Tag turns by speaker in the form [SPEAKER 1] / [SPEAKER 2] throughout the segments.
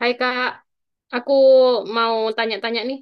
[SPEAKER 1] Hai Kak, aku mau tanya-tanya nih.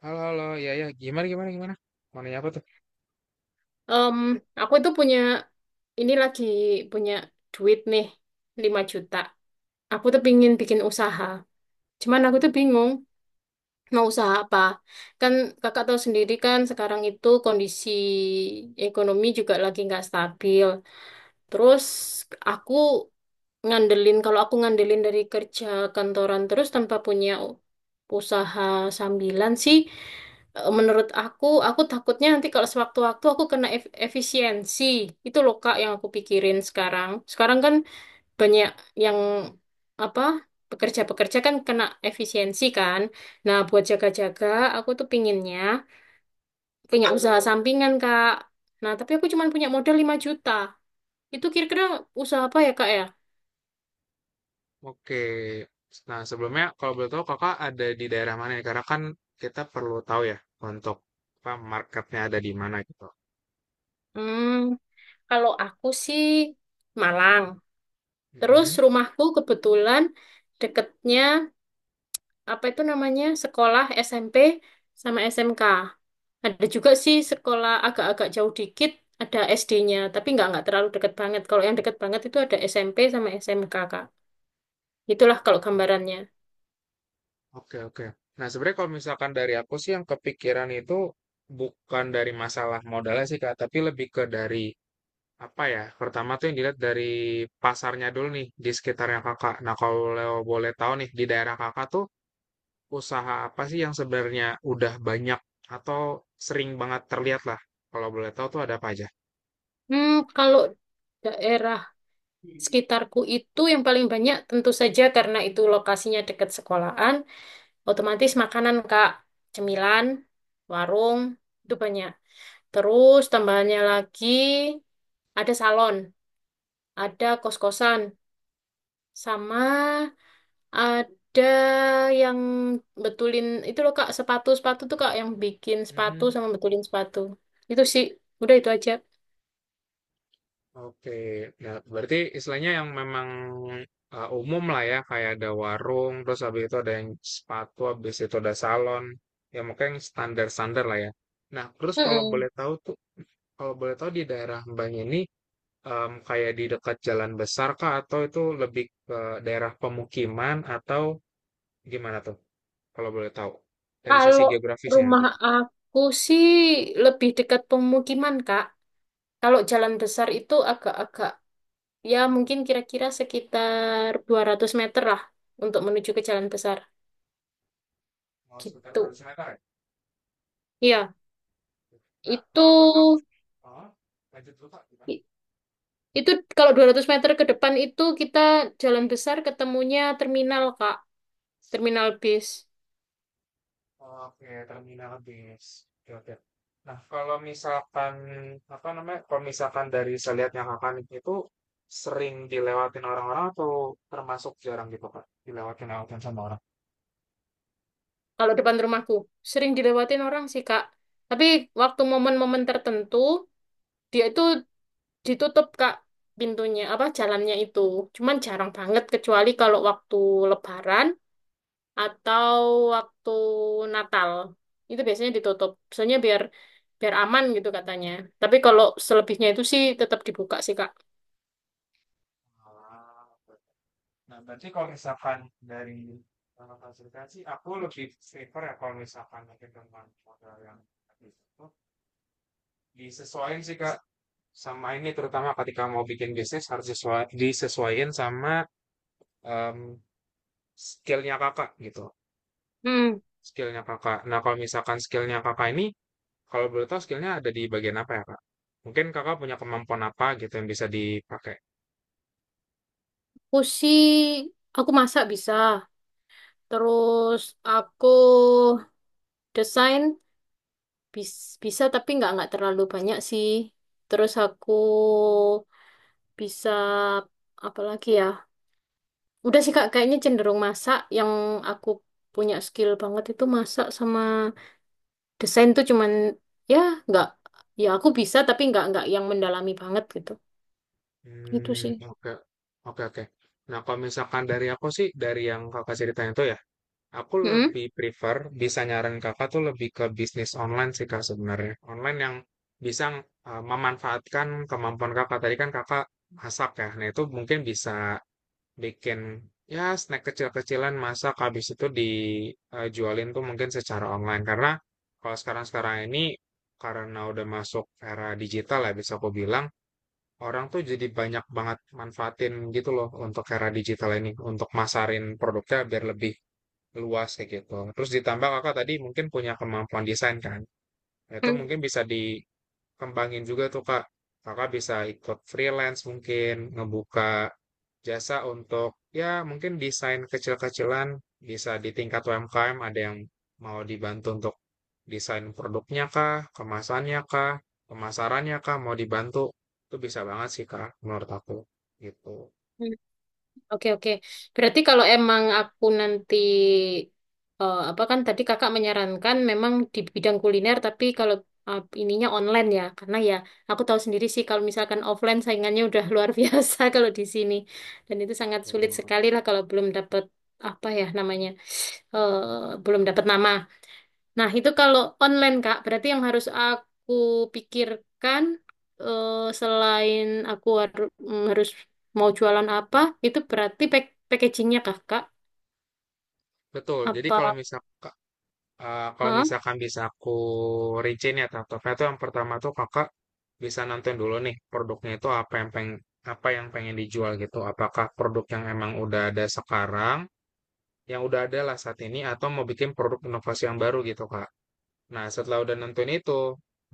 [SPEAKER 2] Halo, halo. Ya, ya. Gimana, gimana, gimana? Mau nanya apa tuh?
[SPEAKER 1] Em, aku itu punya, ini lagi punya duit nih, 5 juta. Aku tuh pingin bikin usaha. Cuman aku tuh bingung mau usaha apa. Kan kakak tahu sendiri kan sekarang itu kondisi ekonomi juga lagi nggak stabil. Terus aku ngandelin, kalau aku ngandelin dari kerja kantoran terus tanpa punya usaha sambilan sih. Menurut aku takutnya nanti kalau sewaktu-waktu aku kena efisiensi. Itu loh Kak yang aku pikirin sekarang. Sekarang kan banyak yang apa pekerja-pekerja kan kena efisiensi kan. Nah, buat jaga-jaga, aku tuh pinginnya punya usaha sampingan Kak. Nah, tapi aku cuma punya modal 5 juta. Itu kira-kira usaha apa ya Kak ya?
[SPEAKER 2] Oke. Nah, sebelumnya kalau boleh tahu kakak ada di daerah mana ya? Karena kan kita perlu tahu ya untuk apa marketnya ada di mana gitu.
[SPEAKER 1] Hmm, kalau aku sih Malang. Terus
[SPEAKER 2] Mhm.
[SPEAKER 1] rumahku kebetulan deketnya apa itu namanya sekolah SMP sama SMK. Ada juga sih sekolah agak-agak jauh dikit ada SD-nya, tapi nggak terlalu deket banget. Kalau yang deket banget itu ada SMP sama SMK, Kak. Itulah kalau gambarannya.
[SPEAKER 2] Oke, oke. Nah, sebenarnya kalau misalkan dari aku sih yang kepikiran itu bukan dari masalah modalnya sih Kak, tapi lebih ke dari apa ya? Pertama tuh yang dilihat dari pasarnya dulu nih di sekitarnya Kakak. Nah, kalau boleh tahu nih di daerah Kakak tuh usaha apa sih yang sebenarnya udah banyak atau sering banget terlihat lah? Kalau boleh tahu tuh ada apa aja?
[SPEAKER 1] Hmm, kalau daerah sekitarku itu yang paling banyak tentu saja karena itu lokasinya dekat sekolahan, otomatis makanan, Kak, cemilan, warung itu banyak. Terus tambahannya lagi ada salon, ada kos-kosan. Sama ada yang betulin itu loh Kak, sepatu-sepatu tuh Kak yang bikin sepatu
[SPEAKER 2] Mhm.
[SPEAKER 1] sama betulin sepatu. Itu sih, udah itu aja.
[SPEAKER 2] Oke, nah berarti istilahnya yang memang umum lah ya, kayak ada warung, terus habis itu ada yang sepatu, habis itu ada salon, ya makanya yang standar-standar lah ya. Nah, terus kalau
[SPEAKER 1] Mm-mm.
[SPEAKER 2] boleh tahu tuh, kalau boleh tahu di daerah Mbak ini kayak di dekat jalan besar kah atau itu lebih ke daerah pemukiman atau gimana tuh? Kalau boleh tahu dari
[SPEAKER 1] Kalau
[SPEAKER 2] sisi geografisnya
[SPEAKER 1] rumah
[SPEAKER 2] gitu.
[SPEAKER 1] aku sih lebih dekat pemukiman Kak. Kalau jalan besar itu agak-agak ya mungkin kira-kira sekitar 200 meter lah untuk menuju ke jalan besar
[SPEAKER 2] Oh, sekitar
[SPEAKER 1] gitu.
[SPEAKER 2] 200 meter ya?
[SPEAKER 1] Iya,
[SPEAKER 2] Nah,
[SPEAKER 1] itu
[SPEAKER 2] kalau boleh tahu, oh, lanjut dulu Pak, gimana?
[SPEAKER 1] Itu kalau 200 meter ke depan itu kita jalan besar ketemunya terminal, Kak. Terminal bis.
[SPEAKER 2] Oke, terminal bis. Oke, oke. Nah, kalau misalkan, apa namanya, kalau misalkan dari saya lihat yang akan itu sering dilewatin orang-orang atau termasuk jarang gitu, Pak? Dilewatin-lewatin sama orang.
[SPEAKER 1] Kalau depan rumahku. Sering dilewatin orang sih, Kak. Tapi waktu momen-momen tertentu, dia itu ditutup, Kak, pintunya, apa, jalannya itu. Cuman jarang banget, kecuali kalau waktu Lebaran atau waktu Natal. Itu biasanya ditutup. Soalnya biar biar aman gitu katanya. Tapi kalau selebihnya itu sih tetap dibuka sih, Kak.
[SPEAKER 2] Ah, oke. Nah, berarti kalau misalkan dari fasilitasi, aku lebih prefer ya kalau misalkan mungkin dengan modal yang habis itu, disesuaikan sih Kak sama ini terutama ketika mau bikin bisnis harus disesuaiin sama em, skillnya Kakak gitu.
[SPEAKER 1] Hmm.
[SPEAKER 2] Skillnya Kakak. Nah kalau misalkan skillnya Kakak ini kalau boleh tahu skillnya ada di bagian apa ya Kak? Mungkin Kakak punya kemampuan apa gitu yang bisa dipakai?
[SPEAKER 1] Aku aku masak bisa. Terus aku desain bisa tapi nggak terlalu banyak sih. Terus aku bisa apa lagi ya? Udah sih Kak, kayaknya cenderung masak. Yang aku punya skill banget itu masak sama desain tuh cuman ya nggak ya aku bisa tapi nggak yang mendalami banget gitu. Itu
[SPEAKER 2] Hmm,
[SPEAKER 1] sih.
[SPEAKER 2] oke, oke, oke. Nah, kalau misalkan dari aku sih, dari yang kakak ceritain itu ya, aku
[SPEAKER 1] Mm.
[SPEAKER 2] lebih prefer, bisa nyaran kakak tuh lebih ke bisnis online sih kak sebenarnya. Online yang bisa memanfaatkan kemampuan kakak. Tadi kan kakak masak ya, nah itu mungkin bisa bikin ya snack kecil-kecilan masak, habis itu dijualin tuh mungkin secara online. Karena kalau sekarang-sekarang ini, karena udah masuk era digital ya, bisa aku bilang, orang tuh jadi banyak banget manfaatin gitu loh untuk era digital ini, untuk masarin produknya biar lebih luas kayak gitu. Terus ditambah kakak tadi mungkin punya kemampuan desain kan. Nah, itu mungkin bisa dikembangin juga tuh kak. Kakak bisa ikut freelance mungkin, ngebuka jasa untuk ya mungkin desain kecil-kecilan bisa di tingkat UMKM ada yang mau dibantu untuk desain produknya kah, kemasannya kah, pemasarannya kah, mau dibantu. Itu bisa banget sih kak menurut aku gitu.
[SPEAKER 1] Oke, oke. Berarti kalau emang aku nanti apa kan tadi kakak menyarankan memang di bidang kuliner tapi kalau ininya online ya. Karena ya aku tahu sendiri sih kalau misalkan offline saingannya udah luar biasa kalau di sini. Dan itu sangat sulit sekali lah kalau belum dapat apa ya namanya belum dapat nama. Nah, itu kalau online, Kak, berarti yang harus aku pikirkan eh, selain aku haru- harus mau jualan apa, itu berarti packagingnya kak Kak?
[SPEAKER 2] Betul. Jadi
[SPEAKER 1] Apa?
[SPEAKER 2] kalau misal eh, kalau
[SPEAKER 1] Hah?
[SPEAKER 2] misalkan bisa aku rincin ya tahap-tahapnya tuh yang pertama tuh kakak bisa nonton dulu nih produknya itu apa yang pengen dijual gitu. Apakah produk yang emang udah ada sekarang, yang udah ada lah saat ini, atau mau bikin produk inovasi yang baru gitu kak. Nah, setelah udah nentuin itu,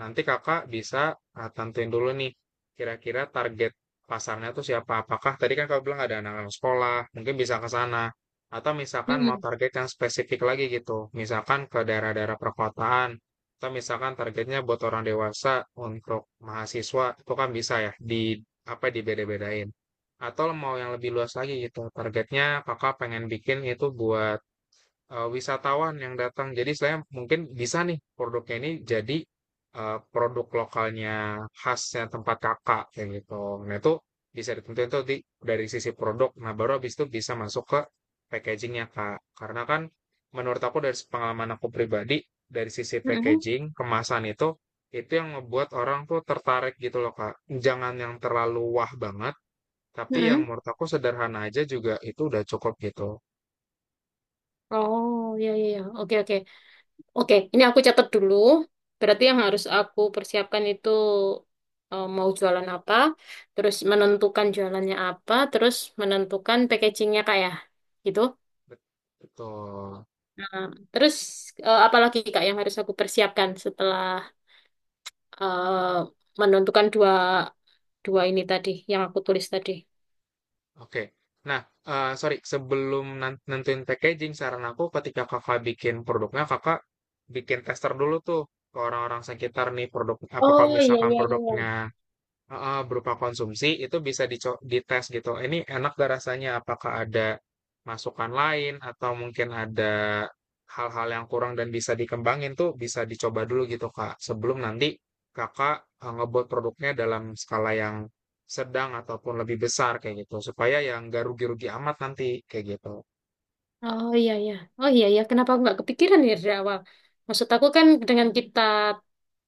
[SPEAKER 2] nanti kakak bisa tentuin dulu nih, kira-kira target pasarnya tuh siapa. Apakah tadi kan kakak bilang ada anak-anak sekolah, mungkin bisa ke sana. Atau misalkan mau
[SPEAKER 1] Mm-mm.
[SPEAKER 2] target yang spesifik lagi gitu, misalkan ke daerah-daerah perkotaan, atau misalkan targetnya buat orang dewasa untuk mahasiswa, itu kan bisa ya, di apa dibeda-bedain. Atau mau yang lebih luas lagi gitu, targetnya kakak pengen bikin itu buat wisatawan yang datang. Jadi saya mungkin bisa nih produknya ini jadi produk lokalnya khasnya tempat kakak kayak gitu. Nah itu bisa ditentuin tuh di, dari sisi produk. Nah baru habis itu bisa masuk ke packagingnya kak. Karena kan menurut aku dari pengalaman aku pribadi dari sisi
[SPEAKER 1] Mm-mm.
[SPEAKER 2] packaging kemasan itu yang ngebuat orang tuh tertarik gitu loh kak. Jangan yang terlalu wah banget, tapi yang
[SPEAKER 1] Mm-mm.
[SPEAKER 2] menurut aku sederhana aja juga itu udah cukup gitu.
[SPEAKER 1] Oh, ya, ya, ya. Oke, oke. Oke, ini aku catat dulu. Berarti yang harus aku persiapkan itu mau jualan apa, terus menentukan jualannya apa, terus menentukan packagingnya, Kak, ya? Gitu.
[SPEAKER 2] Bet- Betul.
[SPEAKER 1] Nah, terus apalagi Kak yang harus aku persiapkan setelah eh, menentukan dua dua ini tadi yang aku tulis tadi.
[SPEAKER 2] Oke. Nah, sori, sebelum nentuin packaging, saran aku ketika Kakak bikin produknya, Kakak bikin tester dulu tuh, ke orang-orang sekitar nih produk apa kalau
[SPEAKER 1] Oh, iya,
[SPEAKER 2] misalkan
[SPEAKER 1] iya, iya.
[SPEAKER 2] produknya
[SPEAKER 1] Iya.
[SPEAKER 2] heeh, berupa konsumsi itu bisa dites gitu. Ini enak gak rasanya? Apakah ada masukan lain atau mungkin ada hal-hal yang kurang dan bisa dikembangin tuh bisa dicoba dulu gitu Kak. Sebelum nanti Kakak ngebuat produknya dalam skala yang sedang ataupun lebih besar kayak gitu. Supaya yang gak rugi-rugi amat nanti kayak gitu.
[SPEAKER 1] Oh, iya, iya. Oh, iya, iya. Kenapa aku nggak kepikiran ya dari awal? Maksud aku kan dengan kita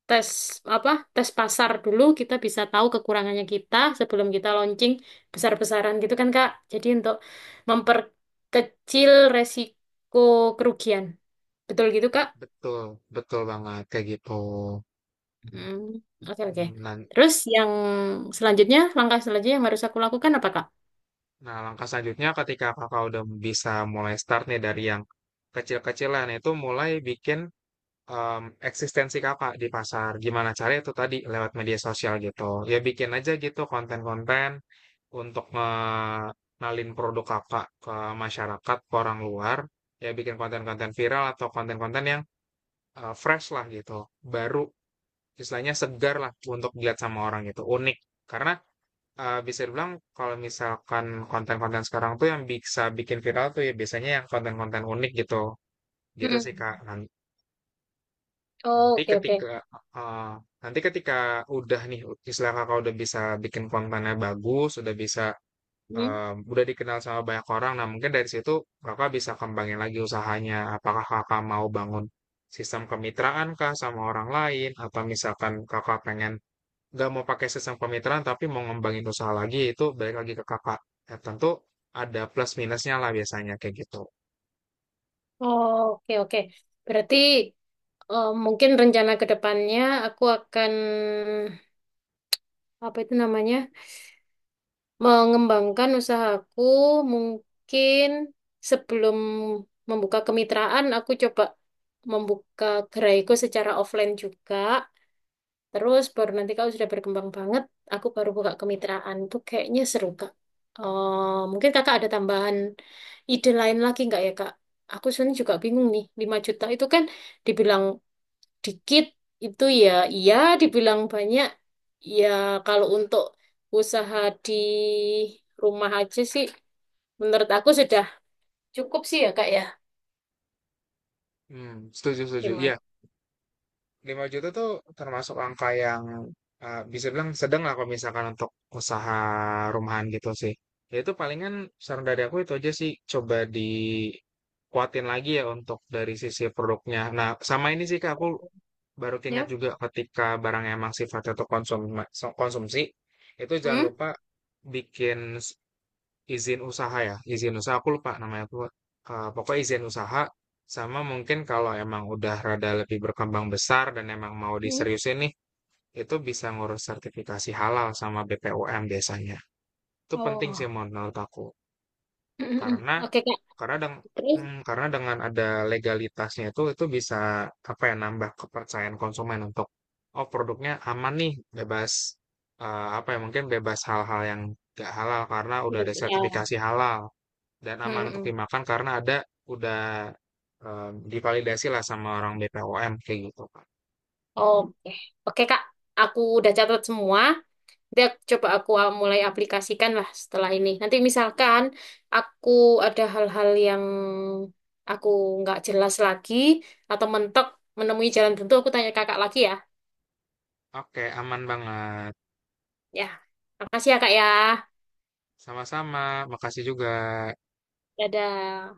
[SPEAKER 1] tes apa tes pasar dulu kita bisa tahu kekurangannya kita sebelum kita launching besar-besaran gitu kan Kak. Jadi untuk memperkecil resiko kerugian. Betul gitu Kak?
[SPEAKER 2] Betul, betul banget kayak gitu.
[SPEAKER 1] Hmm, oke, oke.
[SPEAKER 2] Hmm, nah,
[SPEAKER 1] Terus yang selanjutnya, langkah selanjutnya yang harus aku lakukan apa, Kak?
[SPEAKER 2] nah, langkah selanjutnya ketika kakak udah bisa mulai start nih dari yang kecil-kecilan itu mulai bikin em, eksistensi kakak di pasar. Gimana caranya itu tadi lewat media sosial gitu. Ya bikin aja gitu konten-konten untuk nalin produk kakak ke masyarakat, ke orang luar. Ya bikin konten-konten viral atau konten-konten yang fresh lah gitu. Baru istilahnya segar lah untuk dilihat sama orang gitu. Unik. Karena bisa dibilang kalau misalkan konten-konten sekarang tuh yang bisa bikin viral tuh ya biasanya yang konten-konten unik gitu, gitu sih Kak.
[SPEAKER 1] Mm-mm. Oh,
[SPEAKER 2] Nanti
[SPEAKER 1] oke, oke.
[SPEAKER 2] ketika heeh, nanti ketika udah nih istilah Kakak udah bisa bikin kontennya bagus, udah bisa,
[SPEAKER 1] Hmm?
[SPEAKER 2] udah dikenal sama banyak orang, nah mungkin dari situ Kakak bisa kembangin lagi usahanya. Apakah Kakak mau bangun sistem kemitraankah sama orang lain atau misalkan Kakak pengen nggak mau pakai sistem kemitraan tapi mau ngembangin usaha lagi itu balik lagi ke kakak. Ya, tentu ada plus minusnya lah biasanya kayak gitu.
[SPEAKER 1] Oh, oke, oke. Berarti mungkin rencana ke depannya aku akan, apa itu namanya, mengembangkan usahaku mungkin sebelum membuka kemitraan, aku coba membuka geraiku secara offline juga. Terus baru nanti kalau sudah berkembang banget, aku baru buka kemitraan. Itu kayaknya seru, Kak. Mungkin Kakak ada tambahan ide lain lagi nggak ya, Kak? Aku sebenarnya juga bingung nih, 5 juta itu kan dibilang dikit, itu ya iya, dibilang banyak, ya kalau untuk usaha di rumah aja sih, menurut aku sudah cukup sih ya, Kak ya.
[SPEAKER 2] Hmm, setuju setuju. Iya,
[SPEAKER 1] Gimana?
[SPEAKER 2] 5 juta tuh termasuk angka yang bisa bilang sedang lah kalau misalkan untuk usaha rumahan gitu sih. Ya itu palingan saran dari aku itu aja sih coba dikuatin lagi ya untuk dari sisi produknya. Nah, sama ini sih Kak, aku baru keingat
[SPEAKER 1] Ya?
[SPEAKER 2] juga ketika barang emang sifatnya tuh konsumsi, itu jangan
[SPEAKER 1] Hmm?
[SPEAKER 2] lupa bikin s- izin usaha ya. Izin usaha aku lupa namanya tuh. Eh, pokoknya izin usaha sama mungkin kalau emang udah rada lebih berkembang besar dan emang mau
[SPEAKER 1] Hmm?
[SPEAKER 2] diseriusin nih, itu bisa ngurus sertifikasi halal sama BPOM biasanya. Itu penting
[SPEAKER 1] Oh.
[SPEAKER 2] sih menurut aku. Karena
[SPEAKER 1] Oke, Kak.
[SPEAKER 2] karena deng
[SPEAKER 1] Terus?
[SPEAKER 2] karena dengan ada legalitasnya itu bisa, apa ya, nambah kepercayaan konsumen untuk, "Oh, produknya aman nih, bebas, apa ya, mungkin bebas hal-hal yang gak halal karena udah ada
[SPEAKER 1] Ya.
[SPEAKER 2] sertifikasi halal dan aman
[SPEAKER 1] Hmm.
[SPEAKER 2] untuk
[SPEAKER 1] Hmm.
[SPEAKER 2] dimakan karena ada udah, divalidasi lah sama orang BPOM," kayak gitu, pak.
[SPEAKER 1] Oke, Oke Kak, aku udah catat semua. Nanti coba aku mulai aplikasikan lah setelah ini. Nanti misalkan aku ada hal-hal yang aku nggak jelas lagi atau mentok menemui jalan tentu, aku tanya kakak lagi ya.
[SPEAKER 2] Oke, aman banget.
[SPEAKER 1] Ya, makasih ya Kak ya.
[SPEAKER 2] Sama-sama, makasih juga.
[SPEAKER 1] Dadah.